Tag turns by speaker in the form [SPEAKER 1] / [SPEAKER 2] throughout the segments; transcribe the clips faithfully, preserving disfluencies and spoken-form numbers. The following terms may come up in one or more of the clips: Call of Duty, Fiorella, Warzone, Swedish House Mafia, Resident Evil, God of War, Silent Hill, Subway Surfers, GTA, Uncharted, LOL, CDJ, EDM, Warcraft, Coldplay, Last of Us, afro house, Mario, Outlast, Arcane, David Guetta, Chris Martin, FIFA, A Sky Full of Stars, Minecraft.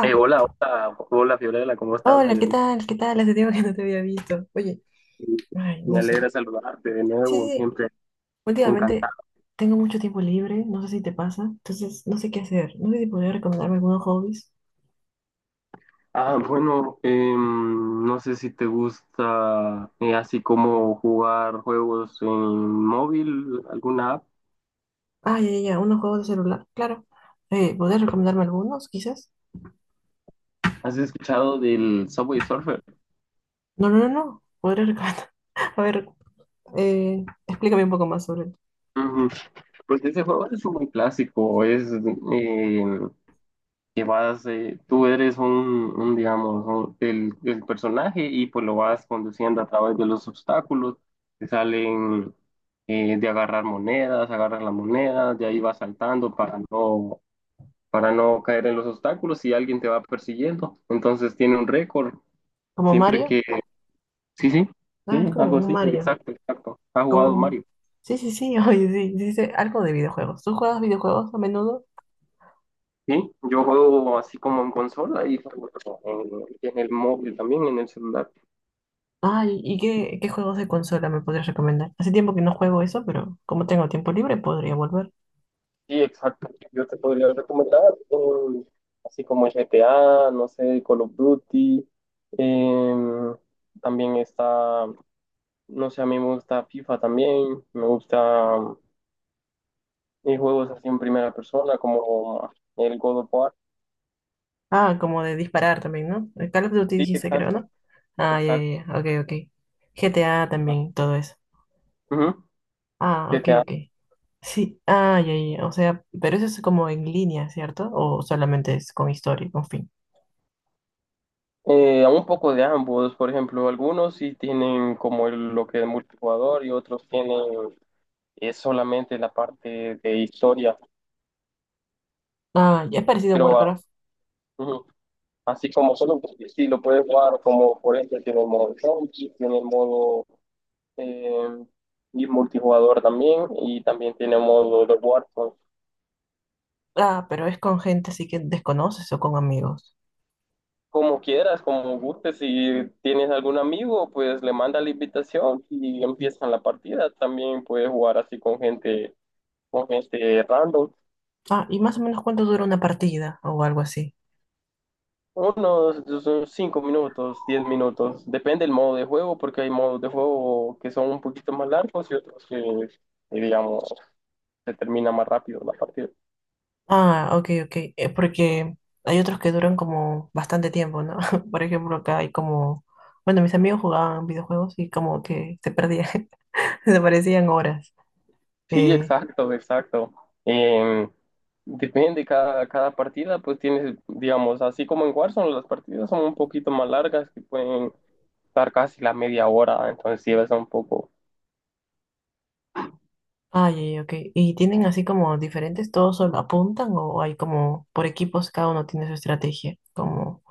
[SPEAKER 1] Eh, hola, hola, hola Fiorella, ¿cómo estás?
[SPEAKER 2] hola,
[SPEAKER 1] Me,
[SPEAKER 2] ¿qué tal? ¿Qué tal? Hace tiempo que no te había visto. Oye, ay,
[SPEAKER 1] me
[SPEAKER 2] no sé.
[SPEAKER 1] alegra saludarte de
[SPEAKER 2] Sí,
[SPEAKER 1] nuevo,
[SPEAKER 2] sí, sí.
[SPEAKER 1] siempre
[SPEAKER 2] Últimamente
[SPEAKER 1] encantado.
[SPEAKER 2] tengo mucho tiempo libre, no sé si te pasa, entonces no sé qué hacer. No sé si podrías recomendarme algunos hobbies.
[SPEAKER 1] Ah, bueno, em, no sé si te gusta, eh, así como jugar juegos en móvil, alguna app.
[SPEAKER 2] Ah, ya, ya, ya, unos juegos de celular, claro. Eh, ¿podrías recomendarme algunos, quizás?
[SPEAKER 1] ¿Has escuchado del Subway Surfer?
[SPEAKER 2] No, no, no, no. Podrías recomendar. A ver, eh, explícame un poco más sobre él.
[SPEAKER 1] Ujú. Pues ese juego es muy clásico, es, eh, que vas, eh, tú eres un, un, digamos, un- el, el personaje, y pues lo vas conduciendo a través de los obstáculos que salen, eh, de agarrar monedas, agarras la moneda, de ahí vas saltando para no, para no caer en los obstáculos, y alguien te va persiguiendo. Entonces tiene un récord
[SPEAKER 2] ¿Como
[SPEAKER 1] siempre
[SPEAKER 2] Mario?
[SPEAKER 1] que. Sí, sí,
[SPEAKER 2] Ah, es
[SPEAKER 1] sí,
[SPEAKER 2] como
[SPEAKER 1] algo
[SPEAKER 2] un
[SPEAKER 1] así,
[SPEAKER 2] Mario.
[SPEAKER 1] exacto, exacto. ¿Has
[SPEAKER 2] Como,
[SPEAKER 1] jugado
[SPEAKER 2] como...
[SPEAKER 1] Mario?
[SPEAKER 2] Sí, sí, sí, oye, sí, sí, sí, algo de videojuegos. ¿Tú juegas videojuegos a menudo?
[SPEAKER 1] Sí, yo juego así como en consola y en, en el móvil también, en el celular.
[SPEAKER 2] Ay, ¿y qué, qué juegos de consola me podrías recomendar? Hace tiempo que no juego eso, pero como tengo tiempo libre, podría volver.
[SPEAKER 1] Sí, exacto. Yo te podría recomendar un- así como G T A, no sé, Call of Duty. em, También está, no sé, a mí me gusta FIFA también. Me gusta, eh, juegos así en primera persona como el God of War.
[SPEAKER 2] Ah, como de disparar también, ¿no? El Call of Duty
[SPEAKER 1] Sí,
[SPEAKER 2] dijiste, creo,
[SPEAKER 1] exacto,
[SPEAKER 2] ¿no? Ah, ya,
[SPEAKER 1] exacto.
[SPEAKER 2] ya, ya, ok, ok. G T A también, todo eso.
[SPEAKER 1] Ujú.
[SPEAKER 2] Ah, ok,
[SPEAKER 1] G T A.
[SPEAKER 2] ok. Sí, ah, ya, ya, ya, o sea, pero eso es como en línea, ¿cierto? ¿O solamente es con historia y con fin?
[SPEAKER 1] Eh, un poco de ambos, por ejemplo, algunos sí tienen como el- lo que es multijugador, y otros tienen, eh, solamente la parte de historia.
[SPEAKER 2] Ah, ya es parecido a
[SPEAKER 1] Pero, ah,
[SPEAKER 2] Warcraft.
[SPEAKER 1] ujú. Así como solo si lo puedes jugar, como por ejemplo tiene el modo zombie, tiene el modo, eh, y multijugador también, y también tiene modo de Warzone.
[SPEAKER 2] Ah, pero es con gente así que desconoces o con amigos.
[SPEAKER 1] Como quieras, como gustes, si tienes algún amigo, pues le manda la invitación y empiezan la partida. También puedes jugar así con gente, con gente random.
[SPEAKER 2] Ah, y más o menos cuánto dura una partida o algo así.
[SPEAKER 1] Unos cinco minutos, diez minutos, depende del modo de juego, porque hay modos de juego que son un poquito más largos, y otros que, digamos, se termina más rápido la partida.
[SPEAKER 2] Ah, ok, ok. Eh, porque hay otros que duran como bastante tiempo, ¿no? Por ejemplo, acá hay como... Bueno, mis amigos jugaban videojuegos y como que se perdían, desaparecían horas.
[SPEAKER 1] Sí,
[SPEAKER 2] Eh,
[SPEAKER 1] exacto, exacto. Eh, Depende, cada, cada partida pues tienes, digamos, así como en Warzone, las partidas son un poquito más largas, que pueden estar casi la media hora, entonces llevas un poco.
[SPEAKER 2] ah, ya, ya, ok. ¿Y tienen así como diferentes, todos solo apuntan o hay como por equipos, cada uno tiene su estrategia? Como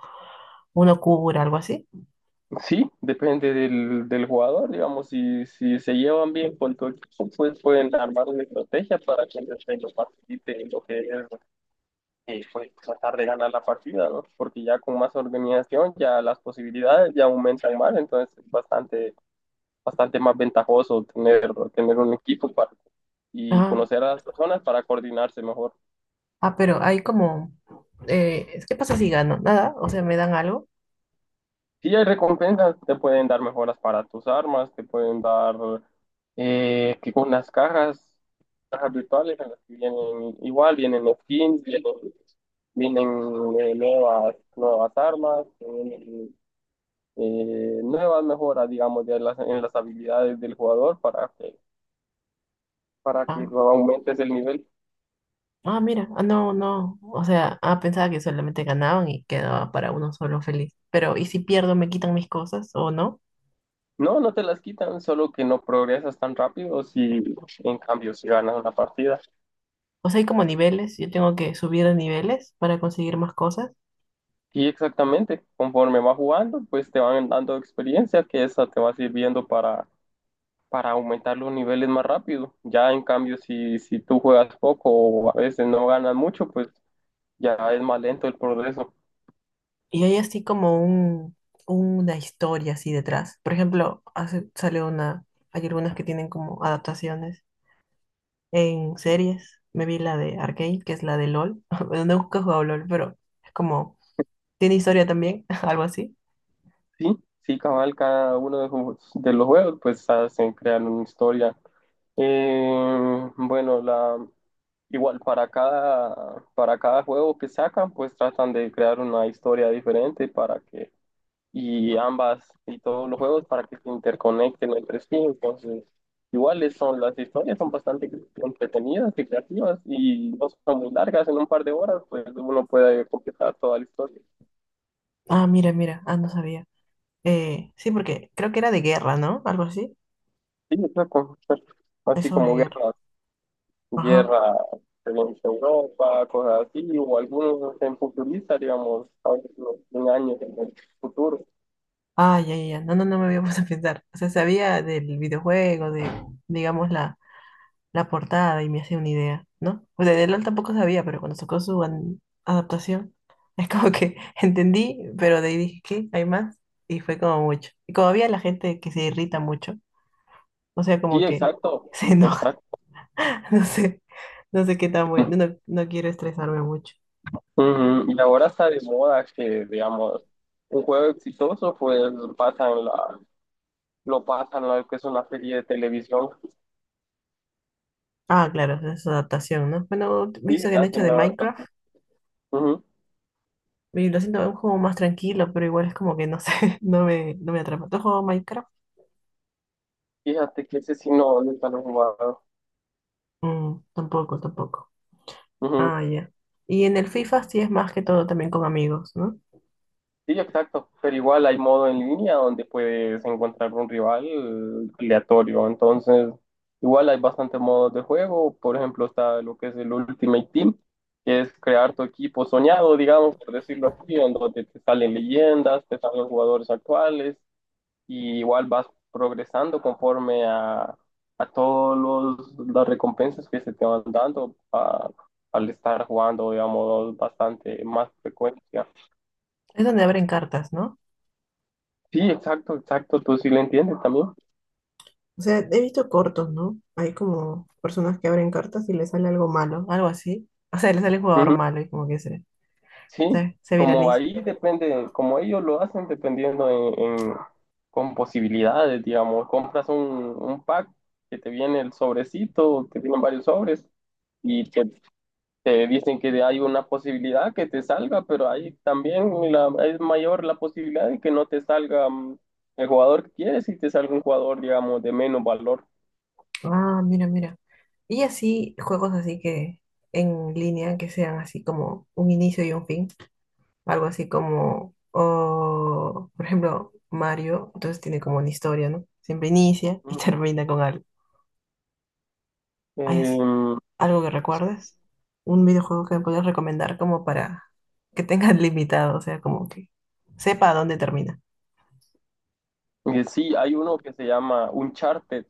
[SPEAKER 2] uno cura, algo así.
[SPEAKER 1] Sí, depende del, del jugador, digamos, si, si se llevan bien con tu equipo, pues pueden armar una estrategia para que el desempeño participe en lo que es, eh, pues tratar de ganar la partida, ¿no? Porque ya con más organización ya las posibilidades ya aumentan más, entonces es bastante, bastante más ventajoso tener, tener un equipo para, y
[SPEAKER 2] Ah.
[SPEAKER 1] conocer a las personas para coordinarse mejor.
[SPEAKER 2] Ah, pero hay como, eh, ¿qué pasa si gano? Nada, o sea, me dan algo.
[SPEAKER 1] Sí, hay recompensas, te pueden dar mejoras para tus armas, te pueden dar, eh, que con las cajas, cajas virtuales en las que vienen igual, vienen skins, vienen, vienen eh, nuevas, nuevas armas, vienen, eh, nuevas mejoras, digamos, de las, en las habilidades del jugador, para que, para que
[SPEAKER 2] Ah,
[SPEAKER 1] aumentes el nivel.
[SPEAKER 2] ah, mira, ah, no, no, o sea, ah, pensaba que solamente ganaban y quedaba para uno solo feliz. Pero, ¿y si pierdo, me quitan mis cosas o no?
[SPEAKER 1] No, no te las quitan, solo que no progresas tan rápido si, en cambio, si ganas una partida.
[SPEAKER 2] O sea, hay como niveles, yo tengo que subir de niveles para conseguir más cosas.
[SPEAKER 1] Y exactamente, conforme vas jugando, pues te van dando experiencia que esa te va sirviendo para, para aumentar los niveles más rápido. Ya, en cambio, si, si tú juegas poco o a veces no ganas mucho, pues ya es más lento el progreso.
[SPEAKER 2] Y hay así como un, una historia así detrás. Por ejemplo, hace, sale una, hay algunas que tienen como adaptaciones. En series me vi la de Arcane, que es la de LOL. Bueno, nunca he jugado LOL, pero es como, tiene historia también, algo así.
[SPEAKER 1] Sí, sí, cabal, cada uno de, sus- de los juegos pues hacen, crean una historia. Eh, bueno, la, igual para cada, para cada juego que sacan pues tratan de crear una historia diferente para que, y ambas, y todos los juegos para que se interconecten entre sí. Entonces, iguales son las historias, son bastante entretenidas y creativas, y no son muy largas, en un par de horas pues uno puede completar toda la historia.
[SPEAKER 2] Ah, mira, mira, ah, no sabía. Eh, sí, porque creo que era de guerra, ¿no? Algo así.
[SPEAKER 1] Sí, exacto, exacto.
[SPEAKER 2] Es
[SPEAKER 1] Así
[SPEAKER 2] sobre
[SPEAKER 1] como
[SPEAKER 2] guerra.
[SPEAKER 1] guerra.
[SPEAKER 2] Ajá.
[SPEAKER 1] guerra en Europa, cosas así, o algunos en futurista, digamos, a veces no, en años en el futuro.
[SPEAKER 2] Ah, ya, ya, ya. No, no, no me había puesto a pensar. O sea, sabía del videojuego, de, digamos, la, la portada y me hacía una idea, ¿no? O sea, de LOL tampoco sabía, pero cuando sacó su an- adaptación, es como que entendí, pero de ahí dije, ¿qué? ¿Hay más? Y fue como mucho. Y como había la gente que se irrita mucho, o sea,
[SPEAKER 1] Sí,
[SPEAKER 2] como que
[SPEAKER 1] exacto,
[SPEAKER 2] se enoja,
[SPEAKER 1] exacto.
[SPEAKER 2] no sé, no sé qué tan bueno, no, no no quiero estresarme mucho.
[SPEAKER 1] Ujú. Y ahora está de moda que, digamos, un juego exitoso, pues pasan la, lo pasan, lo que es una serie de televisión,
[SPEAKER 2] Ah, claro, esa es su adaptación, ¿no? Bueno,
[SPEAKER 1] y
[SPEAKER 2] visto que han hecho
[SPEAKER 1] hacen
[SPEAKER 2] de
[SPEAKER 1] la
[SPEAKER 2] Minecraft,
[SPEAKER 1] adaptación. Ujú.
[SPEAKER 2] y lo siento, es un juego más tranquilo, pero igual es como que no sé, no me, no me atrapa. ¿Tú has jugado Minecraft?
[SPEAKER 1] Fíjate que ese sí no, nunca lo he jugado.
[SPEAKER 2] Mm, tampoco, tampoco. Ah, ya. Y en el FIFA sí es más que todo también con amigos, ¿no?
[SPEAKER 1] Sí, exacto, pero igual hay modo en línea donde puedes encontrar un rival, eh, aleatorio, entonces igual hay bastantes modos de juego, por ejemplo está lo que es el Ultimate Team, que es crear tu equipo soñado, digamos, por decirlo así, en donde te salen leyendas, te salen jugadores actuales, y igual vas progresando conforme a, a todas las recompensas que se te van dando, a- al estar jugando, digamos, bastante más frecuencia.
[SPEAKER 2] Es donde abren cartas, ¿no?
[SPEAKER 1] Sí, exacto, exacto, tú sí lo entiendes también.
[SPEAKER 2] O sea, he visto cortos, ¿no? Hay como personas que abren cartas y les sale algo malo, algo así. O sea, les sale el jugador
[SPEAKER 1] Ujú.
[SPEAKER 2] malo y como que se,
[SPEAKER 1] Sí,
[SPEAKER 2] se, se
[SPEAKER 1] como
[SPEAKER 2] viraliza.
[SPEAKER 1] ahí depende, como ellos lo hacen dependiendo en, en- con posibilidades, digamos, compras un, un pack que te viene el sobrecito, que tienen varios sobres, y te, te dicen que hay una posibilidad que te salga, pero ahí también, la- es mayor la posibilidad de que no te salga, mm, el jugador que quieres, y te salga un jugador, digamos, de menos valor.
[SPEAKER 2] Ah, mira, mira. Y así, juegos así que en línea, que sean así como un inicio y un fin. Algo así como, o, por ejemplo, Mario, entonces tiene como una historia, ¿no? Siempre inicia y
[SPEAKER 1] Ujú.
[SPEAKER 2] termina con algo. Ay, así.
[SPEAKER 1] Eh,
[SPEAKER 2] ¿Algo que recuerdes? Un videojuego que me puedas recomendar como para que tengas limitado, o sea, como que sepa a dónde termina.
[SPEAKER 1] y sí, hay uno que se llama Uncharted.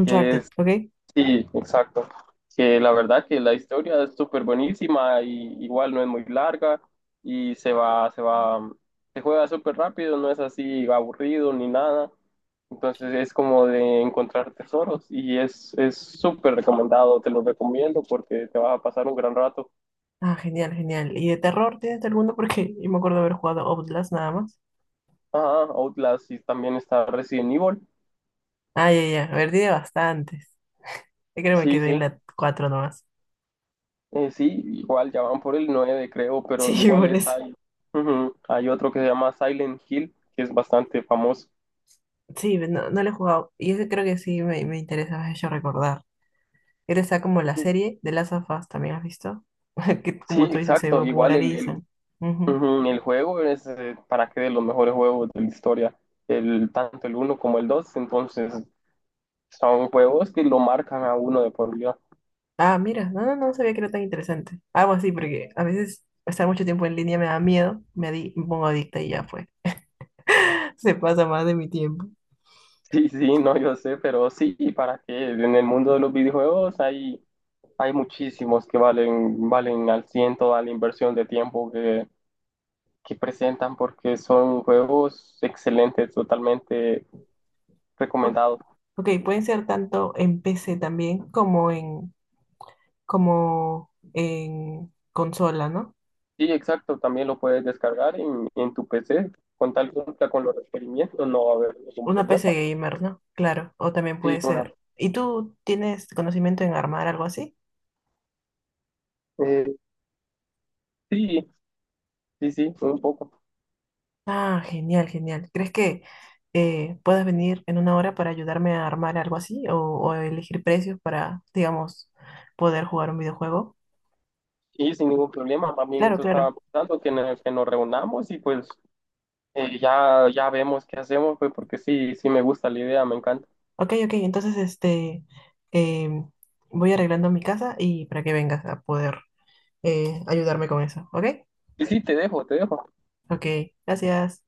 [SPEAKER 1] que es,
[SPEAKER 2] ¿ok?
[SPEAKER 1] sí, exacto, que la verdad que la historia es súper buenísima, y igual no es muy larga, y se va, se va, mm, se juega súper rápido, no es así aburrido ni nada. Entonces es como de encontrar tesoros, y es, es súper recomendado, te lo recomiendo porque te vas a pasar un gran rato.
[SPEAKER 2] Ah, genial, genial. ¿Y de terror tienes alguno? Porque yo me acuerdo haber jugado Outlast nada más.
[SPEAKER 1] Ajá. Outlast, y también está Resident Evil.
[SPEAKER 2] Ah, ya, ya. A ver, tiene bastantes. Yo creo que me
[SPEAKER 1] Sí,
[SPEAKER 2] quedé en
[SPEAKER 1] sí,
[SPEAKER 2] la cuatro nomás.
[SPEAKER 1] Eh, sí, igual ya van por el nueve creo, pero
[SPEAKER 2] Sí,
[SPEAKER 1] igual
[SPEAKER 2] por eso.
[SPEAKER 1] está ahí. Ujú. Hay otro que se llama Silent Hill, que es bastante famoso.
[SPEAKER 2] Sí, no no lo he jugado. Y ese creo que sí me, me interesa, me has hecho recordar. Él está como la serie de Last of Us, ¿también has visto? Que
[SPEAKER 1] Sí,
[SPEAKER 2] como tú dices, se
[SPEAKER 1] exacto. Igual el, el,
[SPEAKER 2] popularizan. Ujú.
[SPEAKER 1] ujú, el juego es, eh, para que de los mejores juegos de la historia, el, tanto el uno como el dos. Entonces, son juegos que lo marcan a uno de por vida.
[SPEAKER 2] Ah, mira, no, no, no sabía que era tan interesante. Algo así, porque a veces estar mucho tiempo en línea me da miedo, me, adi- me pongo adicta y ya fue. Se pasa más de mi tiempo.
[SPEAKER 1] Sí, sí, no, yo sé, pero sí, para que en el mundo de los videojuegos hay, hay muchísimos que valen, valen al ciento a la inversión de tiempo que, que presentan, porque son juegos excelentes, totalmente
[SPEAKER 2] Pu-
[SPEAKER 1] recomendados.
[SPEAKER 2] ok, pueden ser tanto en P C también como en, como en consola, ¿no?
[SPEAKER 1] Sí, exacto, también lo puedes descargar en, en tu P C, con tal cumpla con los requerimientos, no va a haber ningún
[SPEAKER 2] Una P C
[SPEAKER 1] problema.
[SPEAKER 2] gamer, ¿no? Claro, o también
[SPEAKER 1] Sí,
[SPEAKER 2] puede
[SPEAKER 1] una,
[SPEAKER 2] ser. ¿Y tú tienes conocimiento en armar algo así?
[SPEAKER 1] eh, sí, sí, sí, un poco.
[SPEAKER 2] Ah, genial, genial. ¿Crees que eh, puedas venir en una hora para ayudarme a armar algo así o, o elegir precios para, digamos, poder jugar un videojuego?
[SPEAKER 1] Y sin ningún problema, también
[SPEAKER 2] Claro,
[SPEAKER 1] eso estaba
[SPEAKER 2] claro.
[SPEAKER 1] pensando, que nos, que nos reunamos, y pues eh, ya, ya vemos qué hacemos, pues porque sí, sí me gusta la idea, me encanta.
[SPEAKER 2] Ok, ok, entonces este, em, voy arreglando mi casa y para que vengas a poder eh, ayudarme con eso, ¿ok?
[SPEAKER 1] Y sí, te dejo, te dejo.
[SPEAKER 2] Ok, gracias.